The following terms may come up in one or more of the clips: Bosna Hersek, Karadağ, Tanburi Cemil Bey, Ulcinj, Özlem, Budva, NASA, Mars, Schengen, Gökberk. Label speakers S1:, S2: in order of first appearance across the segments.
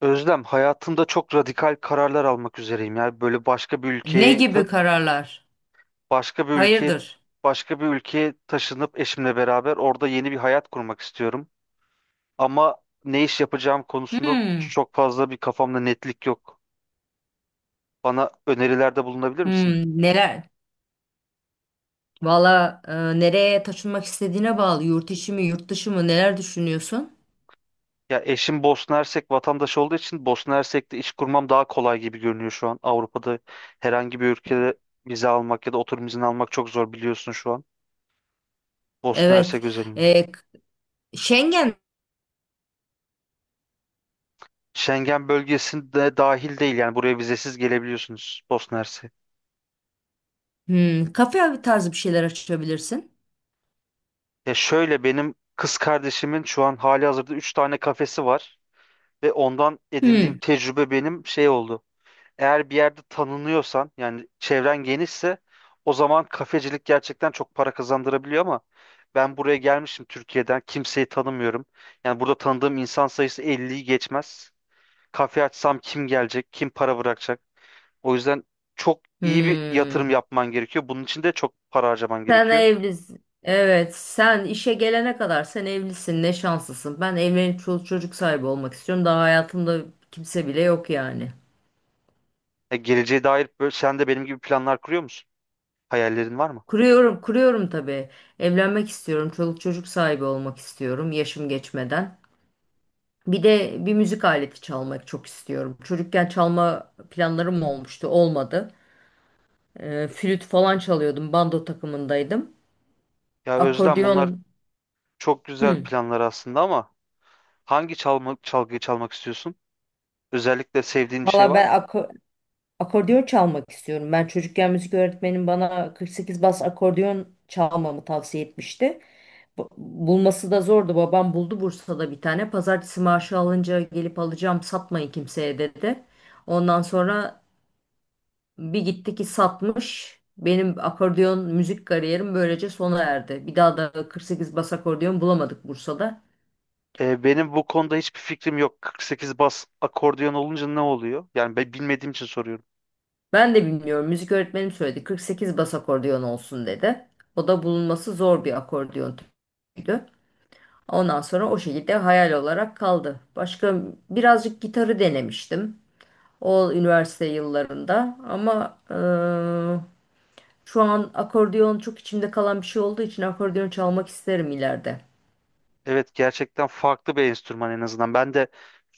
S1: Özlem, hayatımda çok radikal kararlar almak üzereyim. Yani böyle
S2: Ne gibi kararlar?
S1: başka bir ülkeye,
S2: Hayırdır?
S1: başka bir ülkeye taşınıp eşimle beraber orada yeni bir hayat kurmak istiyorum. Ama ne iş yapacağım konusunda
S2: Hmm,
S1: çok fazla bir kafamda netlik yok. Bana önerilerde bulunabilir misin?
S2: hmm, neler? Valla nereye taşınmak istediğine bağlı. Yurt içi mi, yurt dışı mı? Neler düşünüyorsun?
S1: Ya eşim Bosna Hersek vatandaşı olduğu için Bosna Hersek'te iş kurmam daha kolay gibi görünüyor şu an. Avrupa'da herhangi bir ülkede vize almak ya da oturum izni almak çok zor biliyorsun şu an. Bosna
S2: Evet.
S1: Hersek özelinde.
S2: E, k- Schengen,
S1: Schengen bölgesinde dahil değil yani buraya vizesiz gelebiliyorsunuz Bosna Hersek.
S2: hmm, kafe tarzı bir şeyler açabilirsin.
S1: Ya şöyle benim kız kardeşimin şu an hali hazırda 3 tane kafesi var ve ondan edindiğim
S2: Hmm.
S1: tecrübe benim şey oldu. Eğer bir yerde tanınıyorsan yani çevren genişse o zaman kafecilik gerçekten çok para kazandırabiliyor ama ben buraya gelmişim Türkiye'den kimseyi tanımıyorum. Yani burada tanıdığım insan sayısı elliyi geçmez. Kafe açsam kim gelecek, kim para bırakacak? O yüzden çok iyi bir yatırım
S2: Hmm.
S1: yapman gerekiyor. Bunun için de çok para harcaman
S2: Sen
S1: gerekiyor.
S2: evlisin. Evet, sen işe gelene kadar sen evlisin. Ne şanslısın. Ben evlenip çoluk çocuk sahibi olmak istiyorum. Daha hayatımda kimse bile yok yani.
S1: Geleceğe dair böyle, sen de benim gibi planlar kuruyor musun? Hayallerin var mı?
S2: Kuruyorum, kuruyorum tabii. Evlenmek istiyorum, çoluk çocuk sahibi olmak istiyorum yaşım geçmeden. Bir de bir müzik aleti çalmak çok istiyorum. Çocukken çalma planlarım olmuştu, olmadı. Flüt falan çalıyordum, bando takımındaydım.
S1: Ya Özlem
S2: Akordeon.
S1: bunlar çok güzel
S2: Hmm.
S1: planlar aslında ama hangi çalma, çalgıyı çalmak istiyorsun? Özellikle sevdiğin bir şey
S2: Valla
S1: var mı?
S2: akordeon çalmak istiyorum. Ben çocukken müzik öğretmenim bana 48 bas akordeon çalmamı tavsiye etmişti. Bulması da zordu. Babam buldu Bursa'da bir tane. Pazartesi maaşı alınca gelip alacağım, satmayın kimseye dedi. Ondan sonra bir gitti ki satmış. Benim akordeon müzik kariyerim böylece sona erdi. Bir daha da 48 bas akordeon bulamadık Bursa'da.
S1: Benim bu konuda hiçbir fikrim yok. 48 bas akordeon olunca ne oluyor? Yani ben bilmediğim için soruyorum.
S2: Ben de bilmiyorum. Müzik öğretmenim söyledi. 48 bas akordeon olsun dedi. O da bulunması zor bir akordeon türüydü. Ondan sonra o şekilde hayal olarak kaldı. Başka birazcık gitarı denemiştim. O üniversite yıllarında. Ama şu an akordeon çok içimde kalan bir şey olduğu için akordeon çalmak isterim ileride.
S1: Evet gerçekten farklı bir enstrüman en azından. Ben de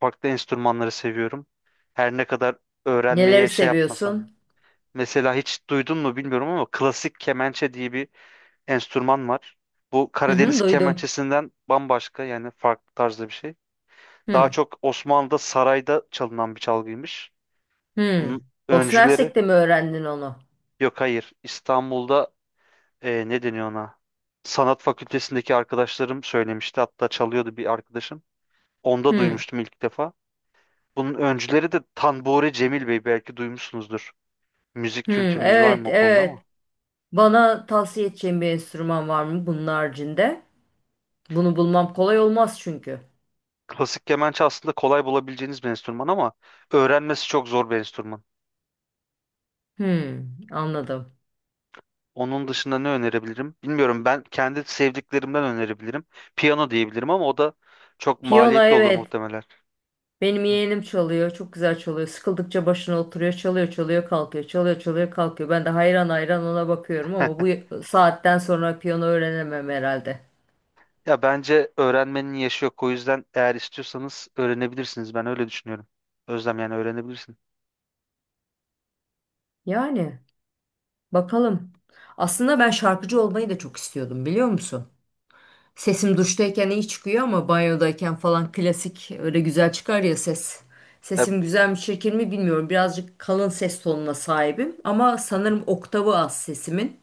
S1: farklı enstrümanları seviyorum. Her ne kadar
S2: Neleri
S1: öğrenmeye şey yapmasam.
S2: seviyorsun?
S1: Mesela hiç duydun mu bilmiyorum ama klasik kemençe diye bir enstrüman var. Bu
S2: Hı hı,
S1: Karadeniz
S2: duydum.
S1: kemençesinden bambaşka yani farklı tarzda bir şey. Daha
S2: Hı
S1: çok Osmanlı'da sarayda çalınan bir çalgıymış.
S2: hı.
S1: Bunun
S2: Bosna
S1: öncüleri
S2: Hersek'te mi öğrendin onu?
S1: yok, hayır, İstanbul'da ne deniyor ona? Sanat fakültesindeki arkadaşlarım söylemişti. Hatta çalıyordu bir arkadaşım. Onda
S2: Hı
S1: duymuştum ilk defa. Bunun öncüleri de Tanburi Cemil Bey, belki duymuşsunuzdur. Müzik
S2: hı,
S1: kültürünüz var
S2: evet
S1: mı o konuda ama?
S2: evet. Bana tavsiye edeceğin bir enstrüman var mı bunun haricinde? Bunu bulmam kolay olmaz çünkü.
S1: Klasik kemençe aslında kolay bulabileceğiniz bir enstrüman ama öğrenmesi çok zor bir enstrüman.
S2: Hı, anladım.
S1: Onun dışında ne önerebilirim? Bilmiyorum, ben kendi sevdiklerimden önerebilirim. Piyano diyebilirim ama o da çok
S2: Piyano
S1: maliyetli olur
S2: evet.
S1: muhtemelen.
S2: Benim yeğenim çalıyor. Çok güzel çalıyor. Sıkıldıkça başına oturuyor. Çalıyor, çalıyor, kalkıyor. Çalıyor, çalıyor, kalkıyor. Ben de hayran hayran ona bakıyorum ama bu saatten sonra piyano öğrenemem herhalde.
S1: Ya bence öğrenmenin yaşı yok. O yüzden eğer istiyorsanız öğrenebilirsiniz. Ben öyle düşünüyorum. Özlem yani öğrenebilirsin.
S2: Yani bakalım. Aslında ben şarkıcı olmayı da çok istiyordum biliyor musun? Sesim duştayken iyi çıkıyor ama banyodayken falan klasik öyle güzel çıkar ya ses.
S1: Ya
S2: Sesim güzel mi çirkin mi bilmiyorum. Birazcık kalın ses tonuna sahibim ama sanırım oktavı az sesimin.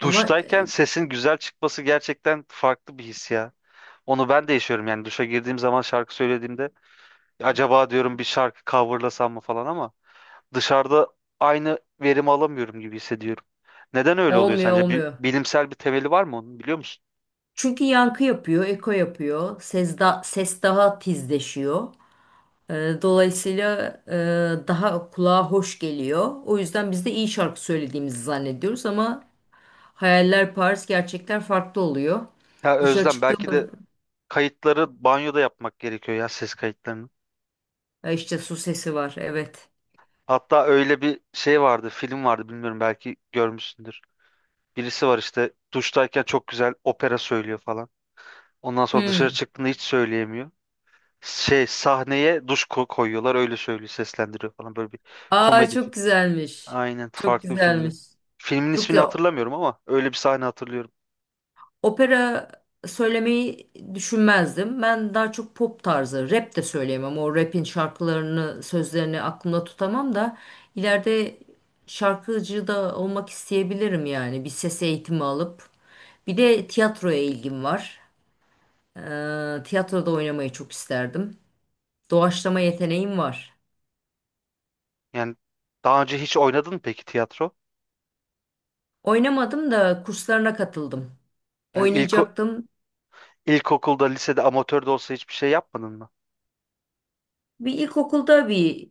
S2: Ama
S1: duştayken
S2: e,
S1: sesin güzel çıkması gerçekten farklı bir his ya. Onu ben de yaşıyorum yani duşa girdiğim zaman şarkı söylediğimde acaba diyorum bir şarkı coverlasam mı falan ama dışarıda aynı verimi alamıyorum gibi hissediyorum. Neden öyle oluyor
S2: Olmuyor,
S1: sence? Bir
S2: olmuyor.
S1: bilimsel bir temeli var mı onun, biliyor musun?
S2: Çünkü yankı yapıyor, eko yapıyor. Ses daha tizleşiyor. Dolayısıyla daha kulağa hoş geliyor. O yüzden biz de iyi şarkı söylediğimizi zannediyoruz ama hayaller Paris, gerçekler farklı oluyor.
S1: Ya
S2: Dışarı
S1: Özlem
S2: çıktım,
S1: belki de kayıtları banyoda yapmak gerekiyor ya, ses kayıtlarını.
S2: işte su sesi var, evet.
S1: Hatta öyle bir şey vardı, film vardı, bilmiyorum belki görmüşsündür. Birisi var işte duştayken çok güzel opera söylüyor falan. Ondan sonra dışarı
S2: Hmm.
S1: çıktığında hiç söyleyemiyor. Şey, sahneye duş koyuyorlar, öyle söylüyor, seslendiriyor falan, böyle bir
S2: Aa
S1: komedi.
S2: çok güzelmiş.
S1: Aynen,
S2: Çok
S1: farklı bir filmdi.
S2: güzelmiş.
S1: Filmin
S2: Çok
S1: ismini
S2: güzel.
S1: hatırlamıyorum ama öyle bir sahne hatırlıyorum.
S2: Opera söylemeyi düşünmezdim. Ben daha çok pop tarzı, rap de söyleyemem. O rap'in şarkılarını, sözlerini aklımda tutamam da ileride şarkıcı da olmak isteyebilirim yani. Bir ses eğitimi alıp. Bir de tiyatroya ilgim var. Tiyatroda oynamayı çok isterdim. Doğaçlama yeteneğim var.
S1: Yani daha önce hiç oynadın mı peki tiyatro?
S2: Oynamadım da kurslarına katıldım.
S1: Yani
S2: Oynayacaktım.
S1: ilkokulda, lisede, amatör de olsa hiçbir şey yapmadın mı?
S2: Bir ilkokulda bir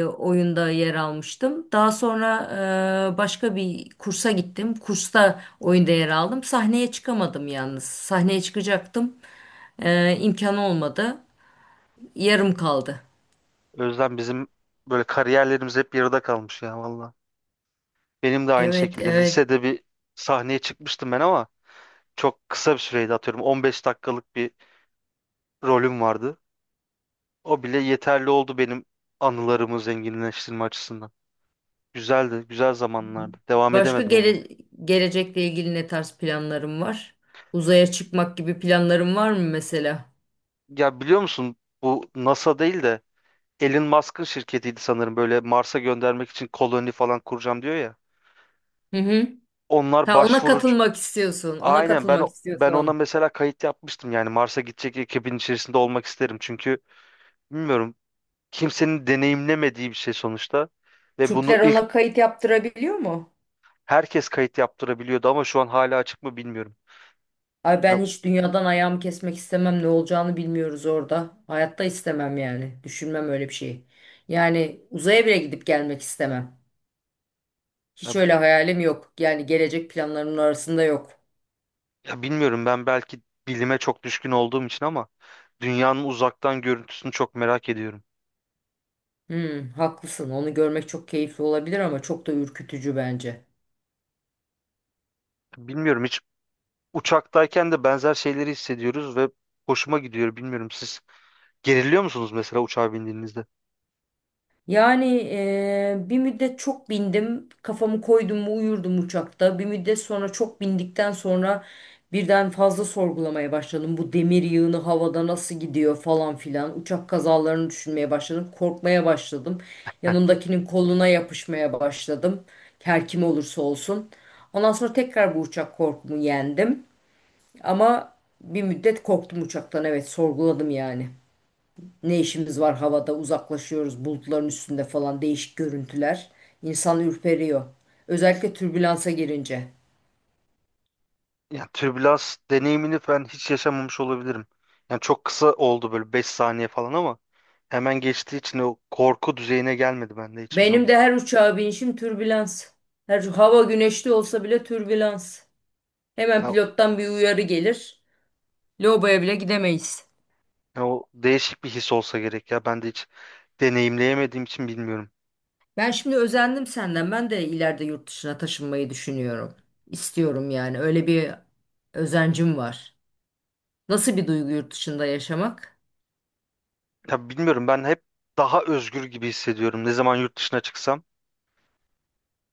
S2: e, oyunda yer almıştım. Daha sonra başka bir kursa gittim. Kursta oyunda yer aldım. Sahneye çıkamadım yalnız. Sahneye çıkacaktım. İmkanı olmadı. Yarım kaldı.
S1: Özlem bizim böyle kariyerlerimiz hep yarıda kalmış ya valla. Benim de aynı
S2: Evet,
S1: şekilde
S2: evet.
S1: lisede bir sahneye çıkmıştım ben ama çok kısa bir süreydi, atıyorum 15 dakikalık bir rolüm vardı. O bile yeterli oldu benim anılarımı zenginleştirme açısından. Güzeldi, güzel zamanlardı. Devam
S2: Başka
S1: edemedim ama.
S2: gele- Gelecekle ilgili ne tarz planlarım var? Uzaya çıkmak gibi planlarım var mı mesela?
S1: Ya biliyor musun, bu NASA değil de Elon Musk'ın şirketiydi sanırım, böyle Mars'a göndermek için koloni falan kuracağım diyor ya.
S2: Hı hı.
S1: Onlar
S2: Ha ona
S1: başvurucu.
S2: katılmak istiyorsun. Ona
S1: Aynen, ben
S2: katılmak
S1: ben ona
S2: istiyorsun.
S1: mesela kayıt yapmıştım yani Mars'a gidecek ekibin içerisinde olmak isterim çünkü bilmiyorum, kimsenin deneyimlemediği bir şey sonuçta ve bunu
S2: Türkler
S1: ilk
S2: ona kayıt yaptırabiliyor mu?
S1: herkes kayıt yaptırabiliyordu ama şu an hala açık mı bilmiyorum.
S2: Ay
S1: Yani,
S2: ben hiç dünyadan ayağımı kesmek istemem. Ne olacağını bilmiyoruz orada. Hayatta istemem yani. Düşünmem öyle bir şeyi. Yani uzaya bile gidip gelmek istemem.
S1: ya,
S2: Hiç öyle hayalim yok. Yani gelecek planlarımın arasında yok.
S1: ya bilmiyorum, ben belki bilime çok düşkün olduğum için ama dünyanın uzaktan görüntüsünü çok merak ediyorum.
S2: Hmm, haklısın. Onu görmek çok keyifli olabilir ama çok da ürkütücü bence.
S1: Bilmiyorum, hiç uçaktayken de benzer şeyleri hissediyoruz ve hoşuma gidiyor. Bilmiyorum, siz geriliyor musunuz mesela uçağa bindiğinizde?
S2: Yani bir müddet çok bindim. Kafamı koydum mu uyurdum uçakta. Bir müddet sonra çok bindikten sonra birden fazla sorgulamaya başladım. Bu demir yığını havada nasıl gidiyor falan filan. Uçak kazalarını düşünmeye başladım. Korkmaya başladım. Yanımdakinin koluna yapışmaya başladım. Her kim olursa olsun. Ondan sonra tekrar bu uçak korkumu yendim. Ama bir müddet korktum uçaktan. Evet, sorguladım yani. Ne işimiz var havada, uzaklaşıyoruz bulutların üstünde falan, değişik görüntüler. İnsan ürperiyor. Özellikle türbülansa girince.
S1: Yani türbülans deneyimini ben hiç yaşamamış olabilirim. Yani çok kısa oldu böyle 5 saniye falan ama hemen geçtiği için o korku düzeyine gelmedi bende hiçbir
S2: Benim
S1: zaman.
S2: de her uçağa binişim türbülans. Her hava güneşli olsa bile türbülans. Hemen
S1: Ya,
S2: pilottan bir uyarı gelir. Lobaya bile gidemeyiz.
S1: ya o değişik bir his olsa gerek ya. Ben de hiç deneyimleyemediğim için bilmiyorum.
S2: Ben şimdi özendim senden. Ben de ileride yurt dışına taşınmayı düşünüyorum. İstiyorum yani. Öyle bir özencim var. Nasıl bir duygu yurt dışında yaşamak?
S1: Ya bilmiyorum, ben hep daha özgür gibi hissediyorum ne zaman yurt dışına çıksam.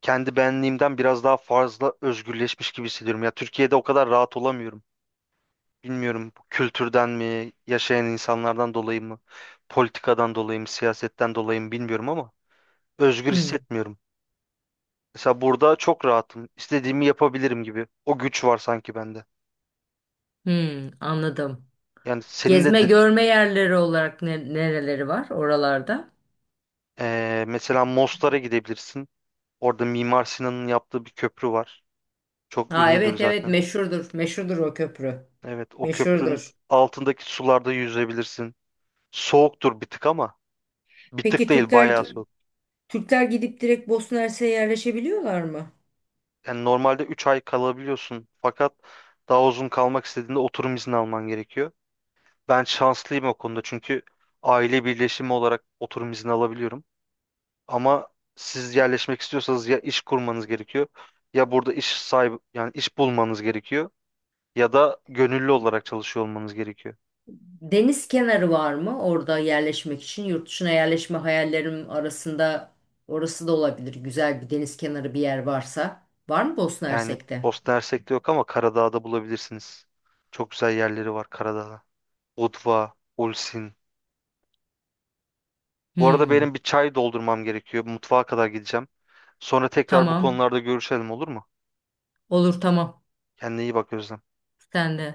S1: Kendi benliğimden biraz daha fazla özgürleşmiş gibi hissediyorum. Ya Türkiye'de o kadar rahat olamıyorum. Bilmiyorum, bu kültürden mi, yaşayan insanlardan dolayı mı, politikadan dolayı mı, siyasetten dolayı mı bilmiyorum ama özgür
S2: Hmm.
S1: hissetmiyorum. Mesela burada çok rahatım. İstediğimi yapabilirim gibi. O güç var sanki bende.
S2: Hmm, anladım.
S1: Yani
S2: Gezme görme yerleri olarak nereleri var oralarda?
S1: mesela Mostar'a gidebilirsin. Orada Mimar Sinan'ın yaptığı bir köprü var. Çok
S2: Ha
S1: ünlüdür
S2: evet evet,
S1: zaten.
S2: meşhurdur. Meşhurdur o köprü.
S1: Evet, o köprünün
S2: Meşhurdur.
S1: altındaki sularda yüzebilirsin. Soğuktur bir tık ama, bir tık
S2: Peki
S1: değil
S2: Türkler
S1: bayağı soğuk.
S2: Türkler gidip direkt Bosna Hersek'e yerleşebiliyorlar mı?
S1: Yani normalde 3 ay kalabiliyorsun fakat daha uzun kalmak istediğinde oturum izni alman gerekiyor. Ben şanslıyım o konuda çünkü aile birleşimi olarak oturum izni alabiliyorum. Ama siz yerleşmek istiyorsanız ya iş kurmanız gerekiyor, ya burada iş sahibi yani iş bulmanız gerekiyor ya da gönüllü olarak çalışıyor olmanız gerekiyor.
S2: Deniz kenarı var mı orada yerleşmek için? Yurt dışına yerleşme hayallerim arasında orası da olabilir. Güzel bir deniz kenarı bir yer varsa. Var mı Bosna
S1: Yani
S2: Hersek'te?
S1: Bosna Hersek'te yok ama Karadağ'da bulabilirsiniz. Çok güzel yerleri var Karadağ'da. Budva, Ulcinj. Bu arada
S2: Hmm,
S1: benim bir çay doldurmam gerekiyor. Mutfağa kadar gideceğim. Sonra tekrar bu
S2: tamam.
S1: konularda görüşelim, olur mu?
S2: Olur, tamam.
S1: Kendine iyi bak Özlem.
S2: Sen de.